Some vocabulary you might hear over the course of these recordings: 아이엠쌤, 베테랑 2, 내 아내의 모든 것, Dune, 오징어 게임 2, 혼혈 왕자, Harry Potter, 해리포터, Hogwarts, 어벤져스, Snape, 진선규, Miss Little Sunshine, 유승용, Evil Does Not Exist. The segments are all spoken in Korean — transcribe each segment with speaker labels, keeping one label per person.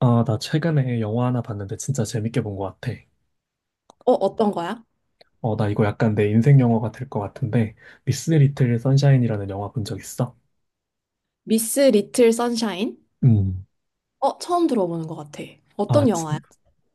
Speaker 1: 아, 나 최근에 영화 하나 봤는데 진짜 재밌게 본 것 같아.
Speaker 2: 어, 어떤 거야?
Speaker 1: 나 이거 약간 내 인생 영화가 될 것 같은데, 미스 리틀 선샤인이라는 영화 본 적 있어?
Speaker 2: 미스 리틀 선샤인?
Speaker 1: 음.
Speaker 2: 어, 처음 들어보는 것 같아. 어떤
Speaker 1: 아,
Speaker 2: 영화야?
Speaker 1: 진,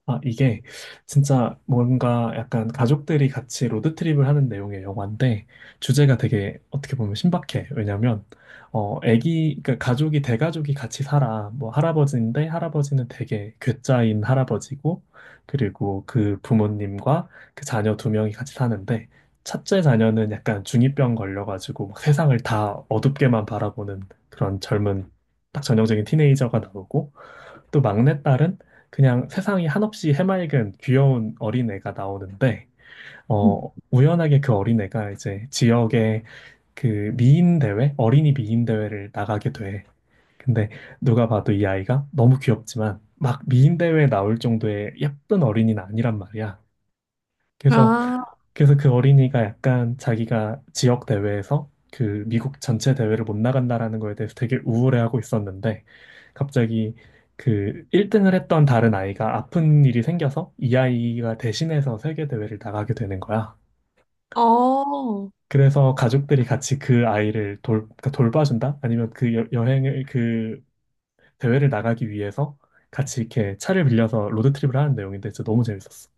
Speaker 1: 아, 이게 진짜 뭔가 약간 가족들이 같이 로드트립을 하는 내용의 영화인데 주제가 되게 어떻게 보면 신박해. 왜냐면 애기 그러니까 가족이 대가족이 같이 살아. 뭐 할아버지인데 할아버지는 되게 괴짜인 할아버지고 그리고 그 부모님과 그 자녀 두 명이 같이 사는데 첫째 자녀는 약간 중이병 걸려가지고 막 세상을 다 어둡게만 바라보는 그런 젊은 딱 전형적인 티네이저가 나오고 또 막내딸은 그냥 세상이 한없이 해맑은 귀여운 어린애가 나오는데,
Speaker 2: 음.
Speaker 1: 우연하게 그 어린애가 이제 지역의 그 미인 대회, 어린이 미인 대회를 나가게 돼. 근데 누가 봐도 이 아이가 너무 귀엽지만 막 미인 대회에 나올 정도의 예쁜 어린이는 아니란 말이야. 그래서
Speaker 2: 아,
Speaker 1: 그래서 그 어린이가 약간 자기가 지역 대회에서 그 미국 전체 대회를 못 나간다라는 거에 대해서 되게 우울해하고 있었는데 갑자기 그 1등을 했던 다른 아이가 아픈 일이 생겨서 이 아이가 대신해서 세계 대회를 나가게 되는 거야.
Speaker 2: 어.
Speaker 1: 그래서 가족들이 같이 그 아이를 그러니까 돌봐준다? 아니면 여행을 그 대회를 나가기 위해서 같이 이렇게 차를 빌려서 로드트립을 하는 내용인데 진짜 너무 재밌었어.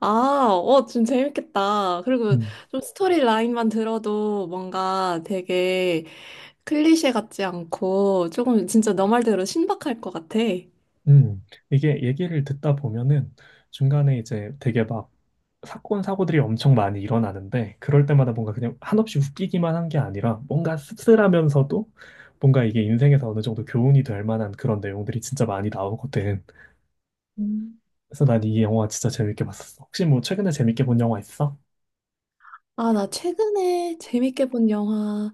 Speaker 2: 아, 어, 좀 재밌겠다. 그리고
Speaker 1: 음.
Speaker 2: 좀 스토리 라인만 들어도 뭔가 되게 클리셰 같지 않고 조금 진짜 너 말대로 신박할 것 같아.
Speaker 1: 음, 이게 얘기를 듣다 보면은 중간에 이제 되게 막 사건, 사고들이 엄청 많이 일어나는데 그럴 때마다 뭔가 그냥 한없이 웃기기만 한게 아니라 뭔가 씁쓸하면서도 뭔가 이게 인생에서 어느 정도 교훈이 될 만한 그런 내용들이 진짜 많이 나오거든.
Speaker 2: 음.
Speaker 1: 그래서 난 이 영화 진짜 재밌게 봤었어. 혹시 뭐 최근에 재밌게 본 영화 있어?
Speaker 2: 아, 나 최근에 재밌게 본 영화.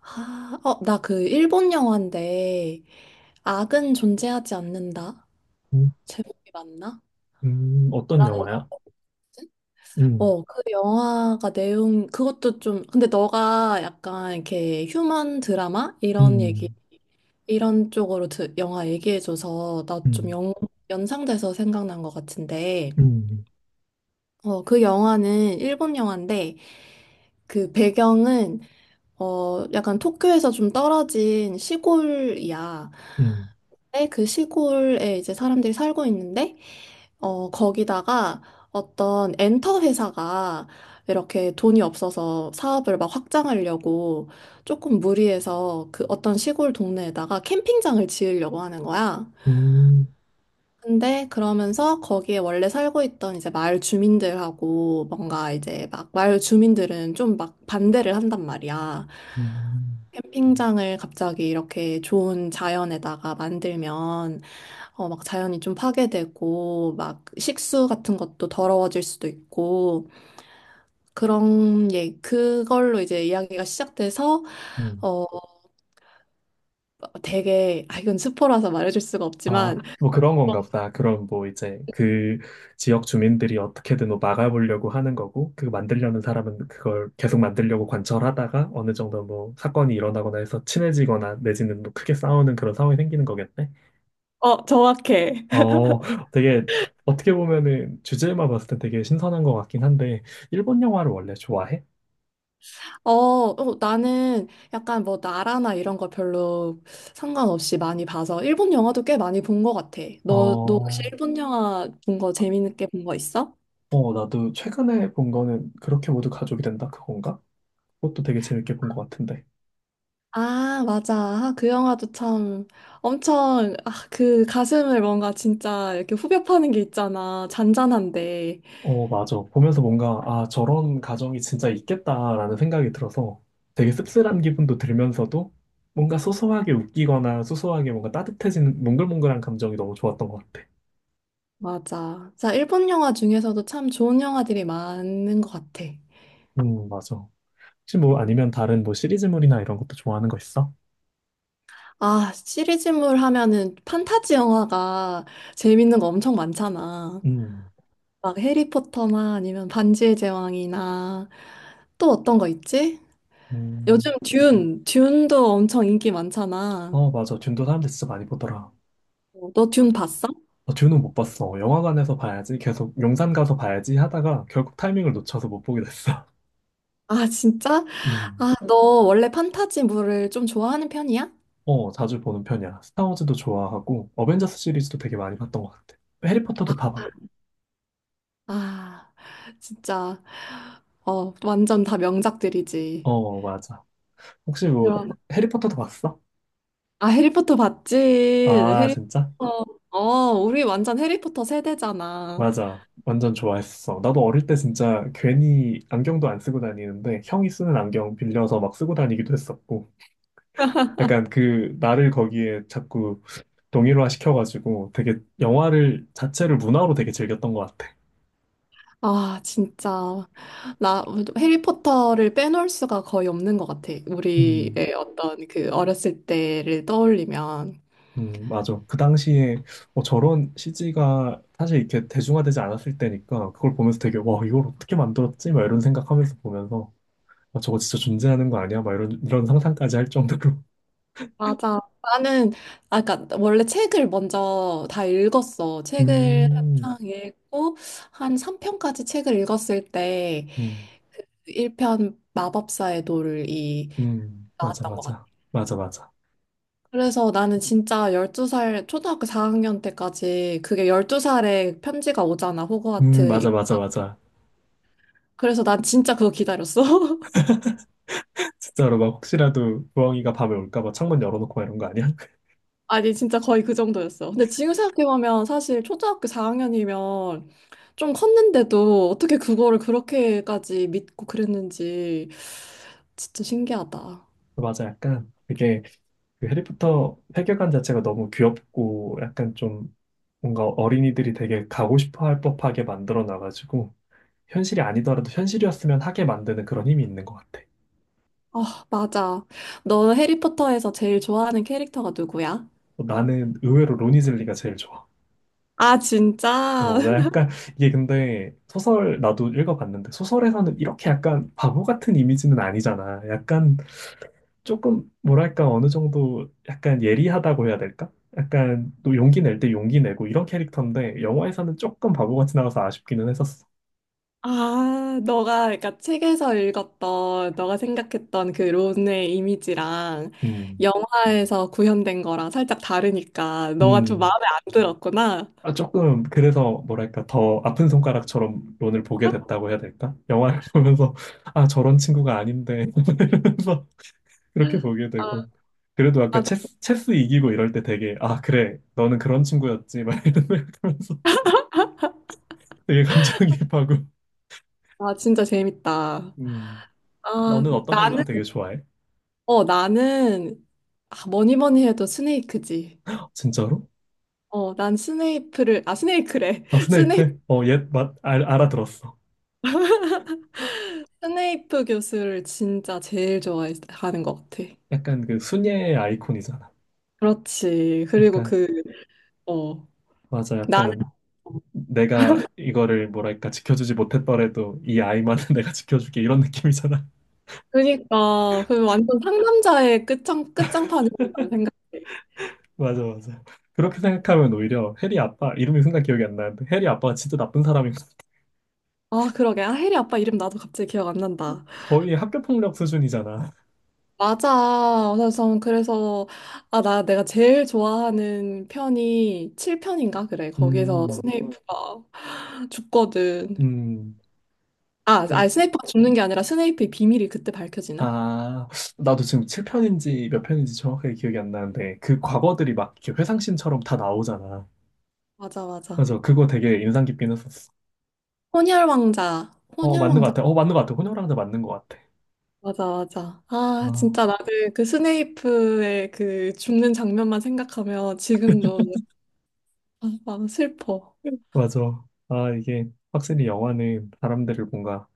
Speaker 2: 아, 어, 나 그 일본 영화인데, 악은 존재하지 않는다.
Speaker 1: 음.
Speaker 2: 제목이 맞나?
Speaker 1: 어떤 영화야? 음.
Speaker 2: 어, 그 영화가 내용, 그것도 좀, 근데 너가 약간 이렇게 휴먼 드라마? 이런 얘기,
Speaker 1: 음.
Speaker 2: 이런 쪽으로 영화 얘기해줘서 나 좀
Speaker 1: 음.
Speaker 2: 연상돼서 생각난 것 같은데,
Speaker 1: 음.
Speaker 2: 어, 그 영화는 일본 영화인데, 그 배경은, 어, 약간 도쿄에서 좀 떨어진 시골이야.
Speaker 1: 음.
Speaker 2: 근데 그 시골에 이제 사람들이 살고 있는데, 어, 거기다가 어떤 엔터 회사가 이렇게 돈이 없어서 사업을 막 확장하려고 조금 무리해서 그 어떤 시골 동네에다가 캠핑장을 지으려고 하는 거야.
Speaker 1: 음.
Speaker 2: 근데 그러면서 거기에 원래 살고 있던 이제 마을 주민들하고 뭔가 이제 막 마을 주민들은 좀 막 반대를 한단 말이야.
Speaker 1: 음.
Speaker 2: 캠핑장을 갑자기 이렇게 좋은 자연에다가 만들면 어, 막 자연이 좀 파괴되고, 막 식수 같은 것도 더러워질 수도 있고, 그런, 예, 그걸로 이제 이야기가 시작돼서,
Speaker 1: 음.
Speaker 2: 어, 되게, 아, 이건 스포라서 말해줄 수가
Speaker 1: 아,
Speaker 2: 없지만,
Speaker 1: 뭐 그런 건가 보다. 그럼 뭐 이제 그 지역 주민들이 어떻게든 뭐 막아보려고 하는 거고, 그 만들려는 사람은 그걸 계속 만들려고 관철하다가 어느 정도 뭐 사건이 일어나거나 해서 친해지거나 내지는 뭐 크게 싸우는 그런 상황이 생기는 거겠네.
Speaker 2: 어, 정확해.
Speaker 1: 어, 되게 어떻게 보면은 주제만 봤을 때 되게 신선한 것 같긴 한데, 일본 영화를 원래 좋아해?
Speaker 2: 어, 나는 약간 뭐 나라나 이런 거 별로 상관없이 많이 봐서, 일본 영화도 꽤 많이 본 것 같아. 너 혹시
Speaker 1: 어,
Speaker 2: 일본 영화 본 거 재밌게 본 거 있어?
Speaker 1: 나도 최근에 본 거는 그렇게 모두 가족이 된다 그건가? 그것도 되게 재밌게 본 것 같은데.
Speaker 2: 아, 맞아. 아, 그 영화도 참 엄청 아, 그 가슴을 뭔가 진짜 이렇게 후벼 파는 게 있잖아. 잔잔한데.
Speaker 1: 어, 맞아. 보면서 뭔가, 아, 저런 가정이 진짜 있겠다라는 생각이 들어서 되게 씁쓸한 기분도 들면서도 뭔가 소소하게 웃기거나 소소하게 뭔가 따뜻해지는 몽글몽글한 감정이 너무 좋았던 것 같아.
Speaker 2: 맞아. 자, 일본 영화 중에서도 참 좋은 영화들이 많은 것 같아.
Speaker 1: 맞아. 혹시 뭐 아니면 다른 뭐 시리즈물이나 이런 것도 좋아하는 거 있어?
Speaker 2: 아, 시리즈물 하면은 판타지 영화가 재밌는 거 엄청 많잖아.
Speaker 1: 음.
Speaker 2: 막 해리포터나 아니면 반지의 제왕이나 또 어떤 거 있지? 요즘
Speaker 1: 음.
Speaker 2: 듄도 엄청 인기 많잖아.
Speaker 1: 어, 맞아. 듄도 사람들 진짜 많이 보더라.
Speaker 2: 어, 너듄 봤어?
Speaker 1: 어, 듄은 못 봤어. 영화관에서 봐야지. 계속 용산 가서 봐야지 하다가 결국 타이밍을 놓쳐서 못 보게 됐어.
Speaker 2: 아, 진짜?
Speaker 1: 음.
Speaker 2: 너 원래 판타지물을 좀 좋아하는 편이야?
Speaker 1: 어, 자주 보는 편이야. 스타워즈도 좋아하고, 어벤져스 시리즈도 되게 많이 봤던 것 같아. 해리포터도 다 봤,
Speaker 2: 아, 진짜, 어, 완전 다 명작들이지.
Speaker 1: 어, 맞아. 혹시 뭐,
Speaker 2: 그럼.
Speaker 1: 해리포터도 봤어?
Speaker 2: 아, 해리포터 봤지?
Speaker 1: 아, 진짜?
Speaker 2: 해리포터. 어, 우리 완전 해리포터 세대잖아.
Speaker 1: 맞아. 완전 좋아했어. 나도 어릴 때 진짜 괜히 안경도 안 쓰고 다니는데, 형이 쓰는 안경 빌려서 막 쓰고 다니기도 했었고, 약간 그, 나를 거기에 자꾸 동일화 시켜가지고, 되게 영화를, 자체를 문화로 되게 즐겼던 것 같아.
Speaker 2: 아, 진짜. 나 해리포터를 빼놓을 수가 거의 없는 것 같아.
Speaker 1: 음.
Speaker 2: 우리의 어떤 그 어렸을 때를 떠올리면.
Speaker 1: 맞아. 그 당시에 저런 CG가 사실 이렇게 대중화되지 않았을 때니까 그걸 보면서 되게 와, 이걸 어떻게 만들었지? 막 이런 생각하면서 보면서 아, 저거 진짜 존재하는 거 아니야? 막 이런 상상까지 할 정도로.
Speaker 2: 맞아. 나는 아까 원래 책을 먼저 다 읽었어. 책을
Speaker 1: 음.
Speaker 2: 한창 읽고 한 3편까지 책을 읽었을 때
Speaker 1: 음.
Speaker 2: 1편 마법사의 돌이
Speaker 1: 음. 맞아.
Speaker 2: 나왔던 것 같아.
Speaker 1: 맞아. 맞아. 맞아.
Speaker 2: 그래서 나는 진짜 12살 초등학교 4학년 때까지 그게 12살에 편지가 오잖아. 호그와트.
Speaker 1: 맞아, 맞아, 맞아.
Speaker 2: 그래서 난 진짜 그거 기다렸어.
Speaker 1: 진짜로 막 혹시라도 부엉이가 밤에 올까 봐 창문 열어놓고 막 이런 거 아니야?
Speaker 2: 아니, 진짜 거의 그 정도였어. 근데 지금 생각해보면 사실 초등학교 4학년이면 좀 컸는데도 어떻게 그거를 그렇게까지 믿고 그랬는지 진짜 신기하다.
Speaker 1: 맞아, 약간 되게 그 해리포터 세계관 자체가 너무 귀엽고 약간 좀 뭔가 어린이들이 되게 가고 싶어 할 법하게 만들어 놔가지고 현실이 아니더라도 현실이었으면 하게 만드는 그런 힘이 있는 것 같아.
Speaker 2: 아, 맞아. 너 해리포터에서 제일 좋아하는 캐릭터가 누구야?
Speaker 1: 어, 나는 의외로 로니즐리가 제일 좋아.
Speaker 2: 아, 진짜?
Speaker 1: 어, 나 약간 이게 근데 소설 나도 읽어봤는데 소설에서는 이렇게 약간 바보 같은 이미지는 아니잖아. 약간 조금 뭐랄까 어느 정도 약간 예리하다고 해야 될까? 약간 또 용기 낼 때 용기 내고 이런 캐릭터인데 영화에서는 조금 바보 같이 나와서 아쉽기는 했었어.
Speaker 2: 아, 너가 그러니까 책에서 읽었던, 너가 생각했던 그 론의 이미지랑
Speaker 1: 음.
Speaker 2: 영화에서 구현된 거랑 살짝 다르니까 너가 좀
Speaker 1: 음.
Speaker 2: 마음에 안 들었구나.
Speaker 1: 아, 조금, 그래서, 뭐랄까, 더 아픈 손가락처럼 론을 보게 됐다고 해야 될까? 영화를 보면서, 아, 저런 친구가 아닌데, 이러면서 그렇게 보게
Speaker 2: 아,
Speaker 1: 되고. 그래도 아까
Speaker 2: 맞아.
Speaker 1: 체스 이기고 이럴 때 되게, 아, 그래, 너는 그런 친구였지, 막 이러면서 되게 감정이입하고.
Speaker 2: 아, 진짜 재밌다.
Speaker 1: 음.
Speaker 2: 아,
Speaker 1: 너는 어떤 캐릭터
Speaker 2: 나는,
Speaker 1: 되게 좋아해?
Speaker 2: 나는, 아, 뭐니 뭐니 해도 스네이크지.
Speaker 1: 진짜로?
Speaker 2: 어, 난 스네이프를, 아, 스네이크래.
Speaker 1: 아,
Speaker 2: 스네이,
Speaker 1: 스네이프? 알아들었어.
Speaker 2: 스네이프 교수를 진짜 제일 좋아하는 것 같아.
Speaker 1: 약간 그 순애의 아이콘이잖아.
Speaker 2: 그렇지. 그리고
Speaker 1: 약간,
Speaker 2: 그, 어,
Speaker 1: 맞아,
Speaker 2: 나는,
Speaker 1: 약간. 내가 이거를 뭐랄까 지켜주지 못했더라도 이 아이만은 내가 지켜줄게 이런 느낌이잖아.
Speaker 2: 그니까, 그 완전 상남자의 끝장판이라고 생각해.
Speaker 1: 맞아, 맞아. 그렇게
Speaker 2: 어.
Speaker 1: 생각하면 오히려 해리 아빠 이름이 순간 기억이 안 나는데 해리 아빠가 진짜 나쁜 사람인 거
Speaker 2: 아, 그러게. 아, 해리 아빠 이름 나도 갑자기 기억 안 난다.
Speaker 1: 거의 학교 폭력 수준이잖아.
Speaker 2: 맞아. 그래서 아, 나 내가 제일 좋아하는 편이 7편인가 그래. 거기서
Speaker 1: 음.
Speaker 2: 스네이프가 죽거든.
Speaker 1: 음.
Speaker 2: 아,
Speaker 1: 그-
Speaker 2: 스네이프가 죽는 게 아니라 스네이프의 비밀이 그때 밝혀지나?
Speaker 1: 아, 나도 지금 7편인지 몇 편인지 정확하게 기억이 안 나는데 그 과거들이 막 이렇게 회상씬처럼 다 나오잖아.
Speaker 2: 맞아, 맞아.
Speaker 1: 맞아, 그거 되게 인상 깊긴 했었어.
Speaker 2: 혼혈 왕자.
Speaker 1: 어,
Speaker 2: 혼혈
Speaker 1: 맞는 것
Speaker 2: 왕자.
Speaker 1: 같아. 어, 맞는 것 같아. 혼혈 왕자 맞는 것 같아.
Speaker 2: 맞아, 맞아. 아,
Speaker 1: 아,
Speaker 2: 진짜 나는 그 스네이프의 그 죽는 장면만 생각하면 지금도 아, 막 슬퍼.
Speaker 1: 맞아. 아, 이게 확실히 영화는 사람들을 뭔가,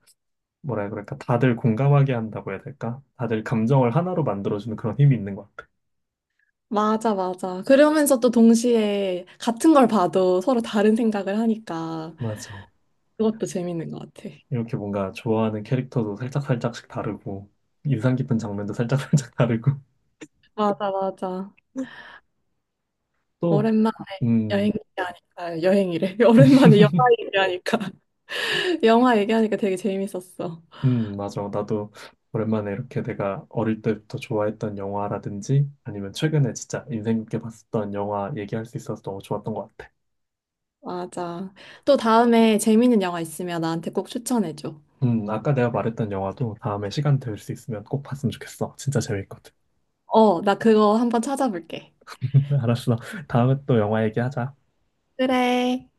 Speaker 1: 뭐라 해야 그럴까, 다들 공감하게 한다고 해야 될까? 다들 감정을 하나로 만들어주는 그런 힘이 있는 것 같아.
Speaker 2: 맞아, 맞아. 그러면서 또 동시에 같은 걸 봐도 서로 다른 생각을 하니까.
Speaker 1: 맞아.
Speaker 2: 그것도 재밌는 것 같아.
Speaker 1: 이렇게 뭔가 좋아하는 캐릭터도 살짝살짝씩 다르고, 인상 깊은 장면도 살짝살짝 다르고,
Speaker 2: 맞아, 맞아.
Speaker 1: 또,
Speaker 2: 오랜만에 여행
Speaker 1: 음,
Speaker 2: 얘기하니까, 여행이래. 오랜만에 영화 얘기하니까, 영화 얘기하니까 되게 재밌었어.
Speaker 1: 맞아. 나도 오랜만에 이렇게 내가 어릴 때부터 좋아했던 영화라든지, 아니면 최근에 진짜 인생 깊게 봤었던 영화 얘기할 수 있어서 너무 좋았던 것 같아.
Speaker 2: 맞아. 또 다음에 재밌는 영화 있으면 나한테 꼭 추천해줘.
Speaker 1: 아까 내가 말했던 영화도 다음에 시간 될 수 있으면 꼭 봤으면 좋겠어. 진짜 재밌거든.
Speaker 2: 어, 나 그거 한번 찾아볼게.
Speaker 1: 알았어. 다음에 또 영화 얘기하자.
Speaker 2: 그래.